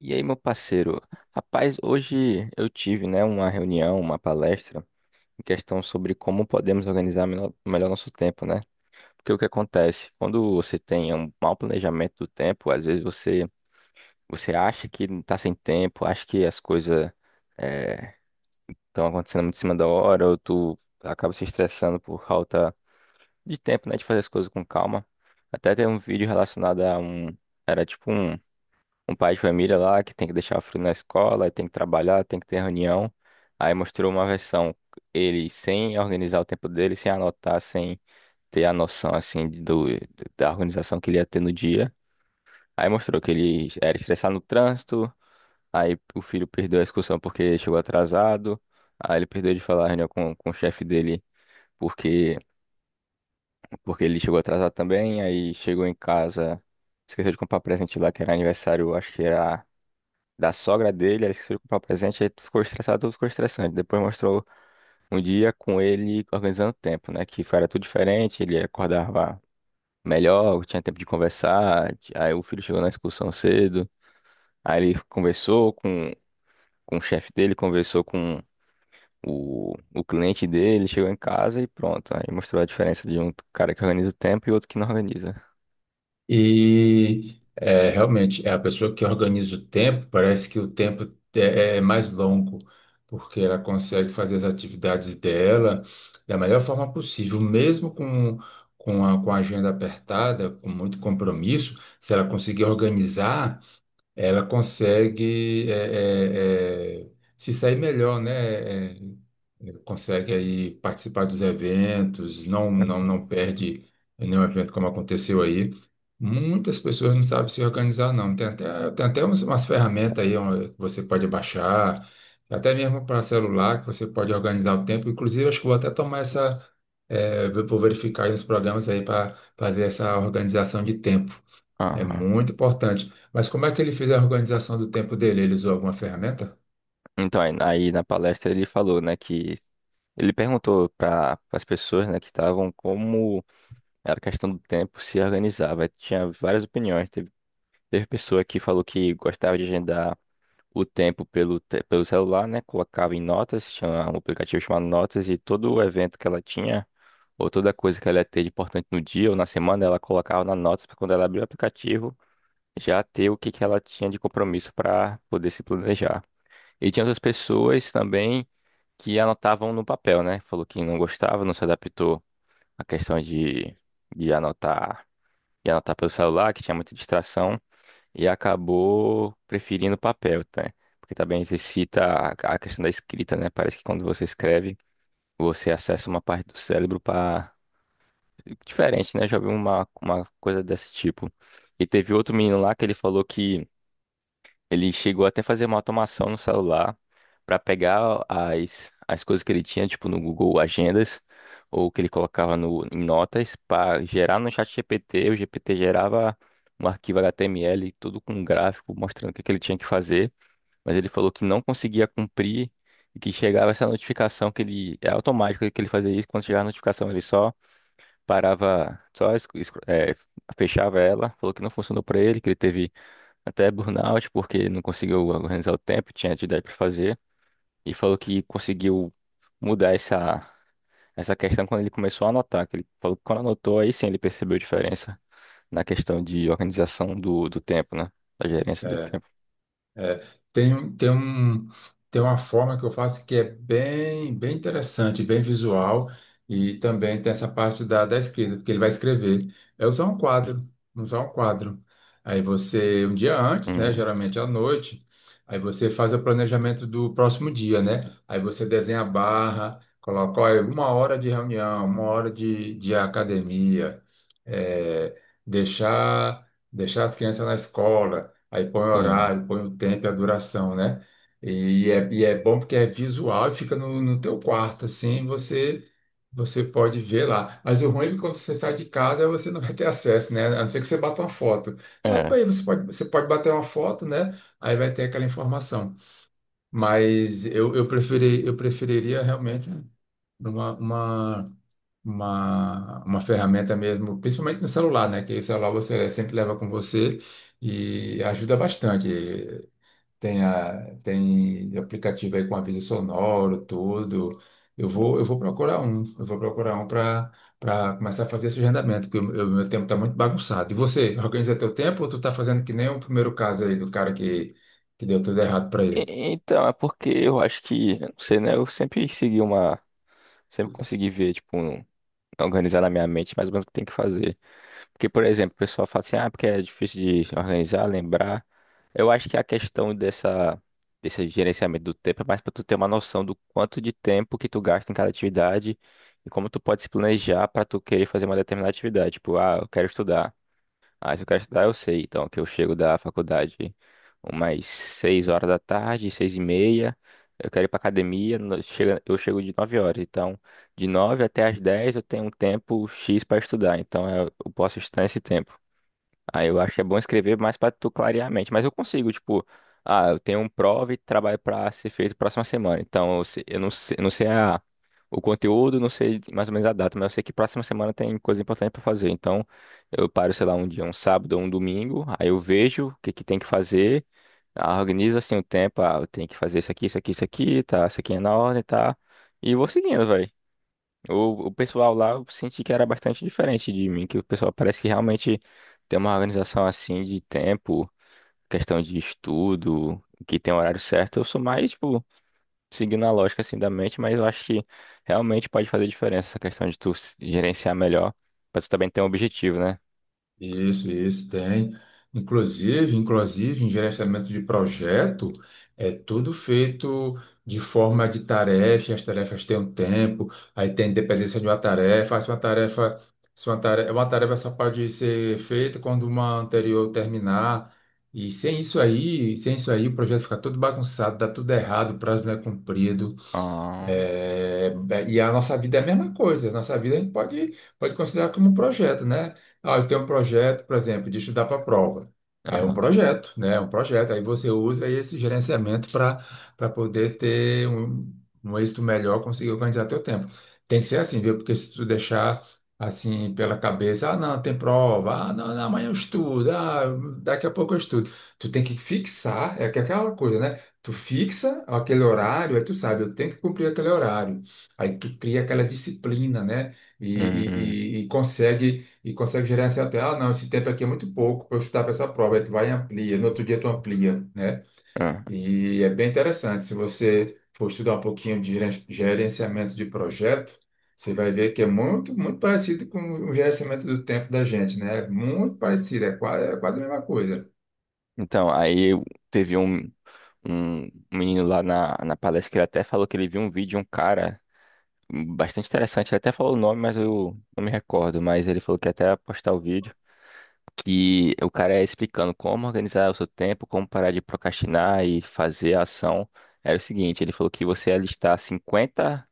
E aí, meu parceiro? Rapaz, hoje eu tive, né, uma reunião, uma palestra, em questão sobre como podemos organizar melhor nosso tempo, né? Porque o que acontece? Quando você tem um mau planejamento do tempo, às vezes você acha que não tá sem tempo, acha que as coisas estão acontecendo muito em cima da hora, ou tu acaba se estressando por falta de tempo, né, de fazer as coisas com calma. Até tem um vídeo relacionado a um. Era tipo um pai de família lá que tem que deixar o filho na escola, aí tem que trabalhar, tem que ter reunião. Aí mostrou uma versão, ele sem organizar o tempo dele, sem anotar, sem ter a noção assim da organização que ele ia ter no dia. Aí mostrou que ele era estressado no trânsito, aí o filho perdeu a excursão porque chegou atrasado, aí ele perdeu de falar a reunião com o chefe dele porque, porque ele chegou atrasado também, aí chegou em casa, esqueceu de comprar presente lá que era aniversário, acho que era da sogra dele. Ela esqueceu de comprar o presente, aí ficou estressado, tudo ficou estressante. Depois mostrou um dia com ele organizando o tempo, né? Que era tudo diferente, ele acordava melhor, tinha tempo de conversar. Aí o filho chegou na excursão cedo, aí ele conversou com o chefe dele, conversou com o cliente dele, chegou em casa e pronto. Aí mostrou a diferença de um cara que organiza o tempo e outro que não organiza. E é, realmente, é a pessoa que organiza o tempo, parece que o tempo é mais longo, porque ela consegue fazer as atividades dela da melhor forma possível, com a agenda apertada, com muito compromisso, se ela conseguir organizar ela consegue se sair melhor, né? Consegue aí participar dos eventos, não perde nenhum evento como aconteceu aí. Muitas pessoas não sabem se organizar, não. Tem até umas ferramentas aí ó, que você pode baixar, até mesmo para celular, que você pode organizar o tempo. Inclusive, acho que vou até tomar vou verificar aí os programas aí para fazer essa organização de tempo. É Aham. muito importante. Mas como é que ele fez a organização do tempo dele? Ele usou alguma ferramenta? Então, aí na palestra ele falou, né, que ele perguntou para as pessoas, né, que estavam como era questão do tempo se organizar, vai. Tinha várias opiniões. Teve pessoa que falou que gostava de agendar o tempo pelo celular, né? Colocava em notas, tinha um aplicativo chamado Notas, e todo o evento que ela tinha, ou toda coisa que ela ia ter de importante no dia ou na semana, ela colocava na Notas para quando ela abria o aplicativo, já ter o que, que ela tinha de compromisso para poder se planejar. E tinha outras pessoas também que anotavam no papel, né? Falou que não gostava, não se adaptou à questão de anotar e anotar pelo celular, que tinha muita distração, e acabou preferindo o papel, tá? Porque também exercita a questão da escrita, né? Parece que quando você escreve, você acessa uma parte do cérebro para diferente, né? Já vi uma coisa desse tipo. E teve outro menino lá que ele falou que ele chegou até a fazer uma automação no celular para pegar as coisas que ele tinha, tipo no Google Agendas, ou que ele colocava no, em notas, para gerar no chat GPT. O GPT gerava um arquivo HTML, tudo com um gráfico, mostrando o que, que ele tinha que fazer, mas ele falou que não conseguia cumprir e que chegava essa notificação que ele. É automático que ele fazia isso, quando chegava a notificação ele só parava, só fechava ela. Falou que não funcionou para ele, que ele teve até burnout, porque não conseguiu organizar o tempo, tinha atividade para fazer, e falou que conseguiu mudar essa questão quando ele começou a anotar, que ele falou que quando anotou, aí sim ele percebeu a diferença na questão de organização do tempo, né? Da gerência do tempo. É, tem, tem um, tem uma forma que eu faço que é bem, bem interessante, bem visual, e também tem essa parte da escrita, porque ele vai escrever. É usar um quadro, usar um quadro. Aí você, um dia antes, né, Hum, geralmente à noite, aí você faz o planejamento do próximo dia, né? Aí você desenha a barra, coloca, olha, uma hora de reunião, uma hora de academia, é, deixar, deixar as crianças na escola. Aí põe o hum, horário, põe o tempo e a duração, né? E é bom porque é visual e fica no teu quarto, assim, você pode ver lá. Mas o ruim é que quando você sai de casa, você não vai ter acesso, né? A não ser que você bata uma foto. É, pô, é. aí você pode bater uma foto, né? Aí vai ter aquela informação. Eu preferi, eu preferiria realmente uma, uma uma ferramenta mesmo, principalmente no celular, né? Que o celular você sempre leva com você e ajuda bastante. Tem, a, tem aplicativo aí com aviso sonoro, tudo. Eu vou procurar um para começar a fazer esse agendamento, porque o meu tempo está muito bagunçado. E você, organiza teu tempo ou tu tá fazendo que nem o primeiro caso aí do cara que deu tudo errado para ele? Então, é porque eu acho que, eu não sei, né? Eu sempre segui uma, sempre consegui ver, tipo, um organizar na minha mente mais ou menos o que tem que fazer. Porque, por exemplo, o pessoal fala assim, ah, porque é difícil de organizar, lembrar. Eu acho que a questão desse gerenciamento do tempo é mais para tu ter uma noção do quanto de tempo que tu gasta em cada atividade e como tu pode se planejar para tu querer fazer uma determinada atividade. Tipo, ah, eu quero estudar. Ah, se eu quero estudar, eu sei. Então, que eu chego da faculdade umas 6 horas da tarde, 6 e meia. Eu quero ir pra academia, eu chego de 9 horas. Então, de 9 até as 10 eu tenho um tempo X para estudar. Então, eu posso estudar esse tempo. Aí eu acho que é bom escrever mais pra tu clarear a mente. Mas eu consigo, tipo, ah, eu tenho um prova e trabalho pra ser feito próxima semana. Então, eu não sei a, o conteúdo, não sei mais ou menos a data, mas eu sei que próxima semana tem coisa importante pra fazer. Então, eu paro, sei lá, um dia, um sábado ou um domingo, aí eu vejo o que que tem que fazer, ah, organizo assim o tempo, ah, eu tenho que fazer isso aqui, isso aqui, isso aqui, tá? Isso aqui é na ordem, tá? E vou seguindo, velho. O pessoal lá eu senti que era bastante diferente de mim, que o pessoal parece que realmente tem uma organização assim de tempo, questão de estudo, que tem horário certo. Eu sou mais, tipo, seguindo a lógica assim da mente, mas eu acho que realmente pode fazer diferença essa questão de tu gerenciar melhor, pra tu também ter um objetivo, né? Isso, tem. Inclusive, inclusive, em gerenciamento de projeto, é tudo feito de forma de tarefa, as tarefas têm um tempo, aí tem dependência de uma tarefa, ah, se uma tarefa, se uma tarefa, uma tarefa só pode ser feita quando uma anterior terminar, e sem isso aí, sem isso aí, o projeto fica todo bagunçado, dá tudo errado, o prazo não é cumprido, Ah, é, e a nossa vida é a mesma coisa. A nossa vida a gente pode considerar como um projeto, né? Ah, eu tenho um projeto, por exemplo, de estudar para a prova. Aí é um ah, projeto, né? É um projeto. Aí você usa esse gerenciamento para poder ter um êxito melhor, conseguir organizar teu tempo. Tem que ser assim, viu? Porque se tu deixar assim pela cabeça, ah, não, tem prova, ah, não, amanhã eu estudo, ah, daqui a pouco eu estudo. Tu tem que fixar, é que é aquela coisa, né? Tu fixa aquele horário, aí tu sabe, eu tenho que cumprir aquele horário. Aí tu cria aquela disciplina, né? Hum, E consegue gerenciar até, ah, não, esse tempo aqui é muito pouco para eu estudar para essa prova. Aí tu vai e amplia, no outro dia tu amplia, né? ah. E é bem interessante. Se você for estudar um pouquinho de gerenciamento de projeto, você vai ver que é muito, muito parecido com o gerenciamento do tempo da gente, né? Muito parecido, é quase a mesma coisa. Então, aí teve um menino lá na palestra que ele até falou que ele viu um vídeo de um cara bastante interessante. Ele até falou o nome, mas eu não me recordo. Mas ele falou que ia até postar o vídeo. Que o cara é explicando como organizar o seu tempo, como parar de procrastinar e fazer a ação. Era o seguinte, ele falou que você ia listar 50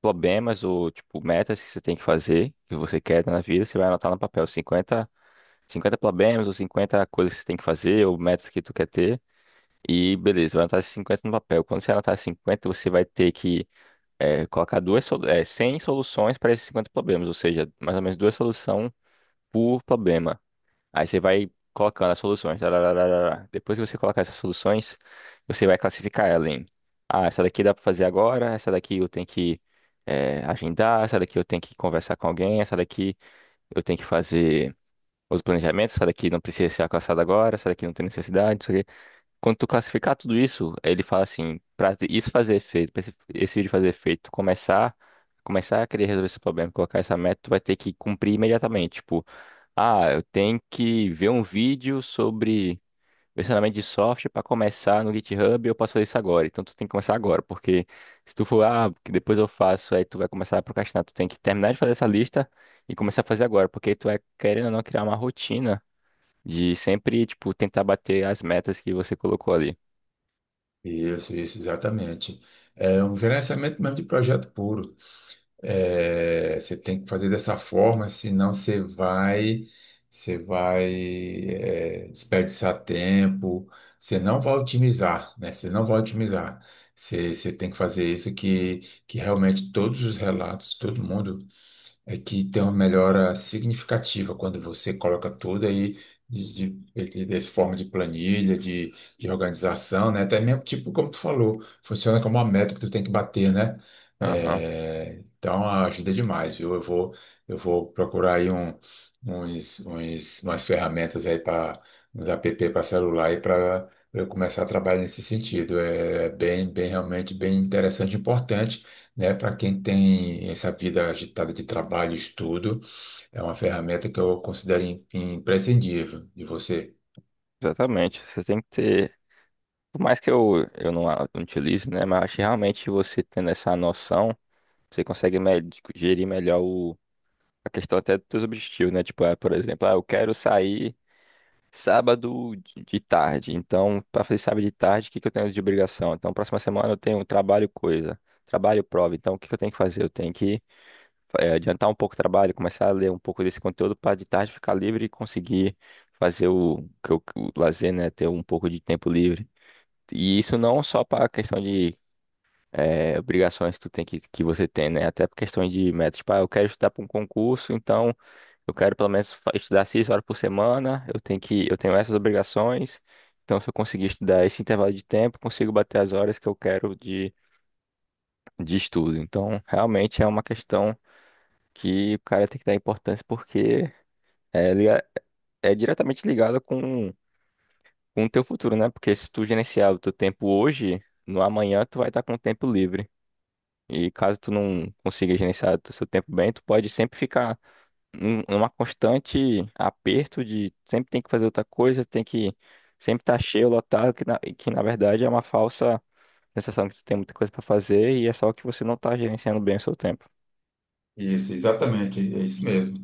problemas ou, tipo, metas que você tem que fazer, que você quer na vida, você vai anotar no papel 50 problemas ou 50 coisas que você tem que fazer ou metas que tu quer ter. E beleza, vai anotar esses 50 no papel. Quando você anotar 50, você vai ter que colocar duas, 100 soluções para esses 50 problemas, ou seja, mais ou menos duas soluções por problema. Aí você vai colocando as soluções. Tararararara. Depois que você colocar essas soluções, você vai classificar ela em, ah, essa daqui dá para fazer agora, essa daqui eu tenho que agendar, essa daqui eu tenho que conversar com alguém, essa daqui eu tenho que fazer os planejamentos, essa daqui não precisa ser alcançada agora, essa daqui não tem necessidade, quando tu classificar tudo isso, ele fala assim, para isso fazer efeito, para esse vídeo fazer efeito, tu começar, a querer resolver esse problema, colocar essa meta, tu vai ter que cumprir imediatamente. Tipo, ah, eu tenho que ver um vídeo sobre versionamento de software para começar no GitHub, eu posso fazer isso agora. Então tu tem que começar agora, porque se tu for, ah, que depois eu faço, aí tu vai começar a procrastinar, tu tem que terminar de fazer essa lista e começar a fazer agora, porque tu é querendo ou não criar uma rotina de sempre, tipo, tentar bater as metas que você colocou ali. Isso, exatamente. É um gerenciamento mesmo de projeto puro. É, você tem que fazer dessa forma, senão você vai, é, desperdiçar tempo, você não vai otimizar, né? Você não vai otimizar. Você tem que fazer isso que realmente todos os relatos, todo mundo é que tem uma melhora significativa quando você coloca tudo aí de, de, dessa forma de planilha, de organização, né? Até mesmo, tipo, como tu falou, funciona como uma meta que tu tem que bater, né? Aham, É, então ajuda demais, viu? Eu vou procurar aí umas ferramentas aí para uns app para celular e para eu começar a trabalhar nesse sentido. É bem, bem realmente bem interessante e importante né? Para quem tem essa vida agitada de trabalho e estudo, é uma ferramenta que eu considero imprescindível de você. exatamente. Você tem que ter. Por mais que eu não, não utilize, né? Mas acho que realmente você tendo essa noção, você consegue gerir melhor a questão até dos seus objetivos, né? Tipo, ah, por exemplo, ah, eu quero sair sábado de tarde. Então, para fazer sábado de tarde, o que que eu tenho de obrigação? Então, próxima semana eu tenho trabalho coisa, trabalho prova. Então, o que que eu tenho que fazer? Eu tenho que adiantar um pouco o trabalho, começar a ler um pouco desse conteúdo para de tarde ficar livre e conseguir fazer o lazer, né? Ter um pouco de tempo livre. E isso não só para a questão de obrigações que você tem, né? Até por questões de metas. Tipo, ah, eu quero estudar para um concurso, então eu quero pelo menos estudar 6 horas por semana. Eu tenho essas obrigações. Então, se eu conseguir estudar esse intervalo de tempo, consigo bater as horas que eu quero de estudo. Então, realmente é uma questão que o cara tem que dar importância porque é, liga- é diretamente ligado com o teu futuro, né? Porque se tu gerenciar o teu tempo hoje, no amanhã tu vai estar com o tempo livre. E caso tu não consiga gerenciar o seu tempo bem, tu pode sempre ficar numa constante aperto de sempre tem que fazer outra coisa, tem que sempre estar cheio, lotado, que na verdade é uma falsa sensação que tu tem muita coisa pra fazer e é só que você não tá gerenciando bem o seu tempo. Isso, exatamente, é isso mesmo.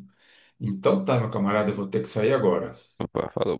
Então tá, meu camarada, eu vou ter que sair agora. Opa, falou.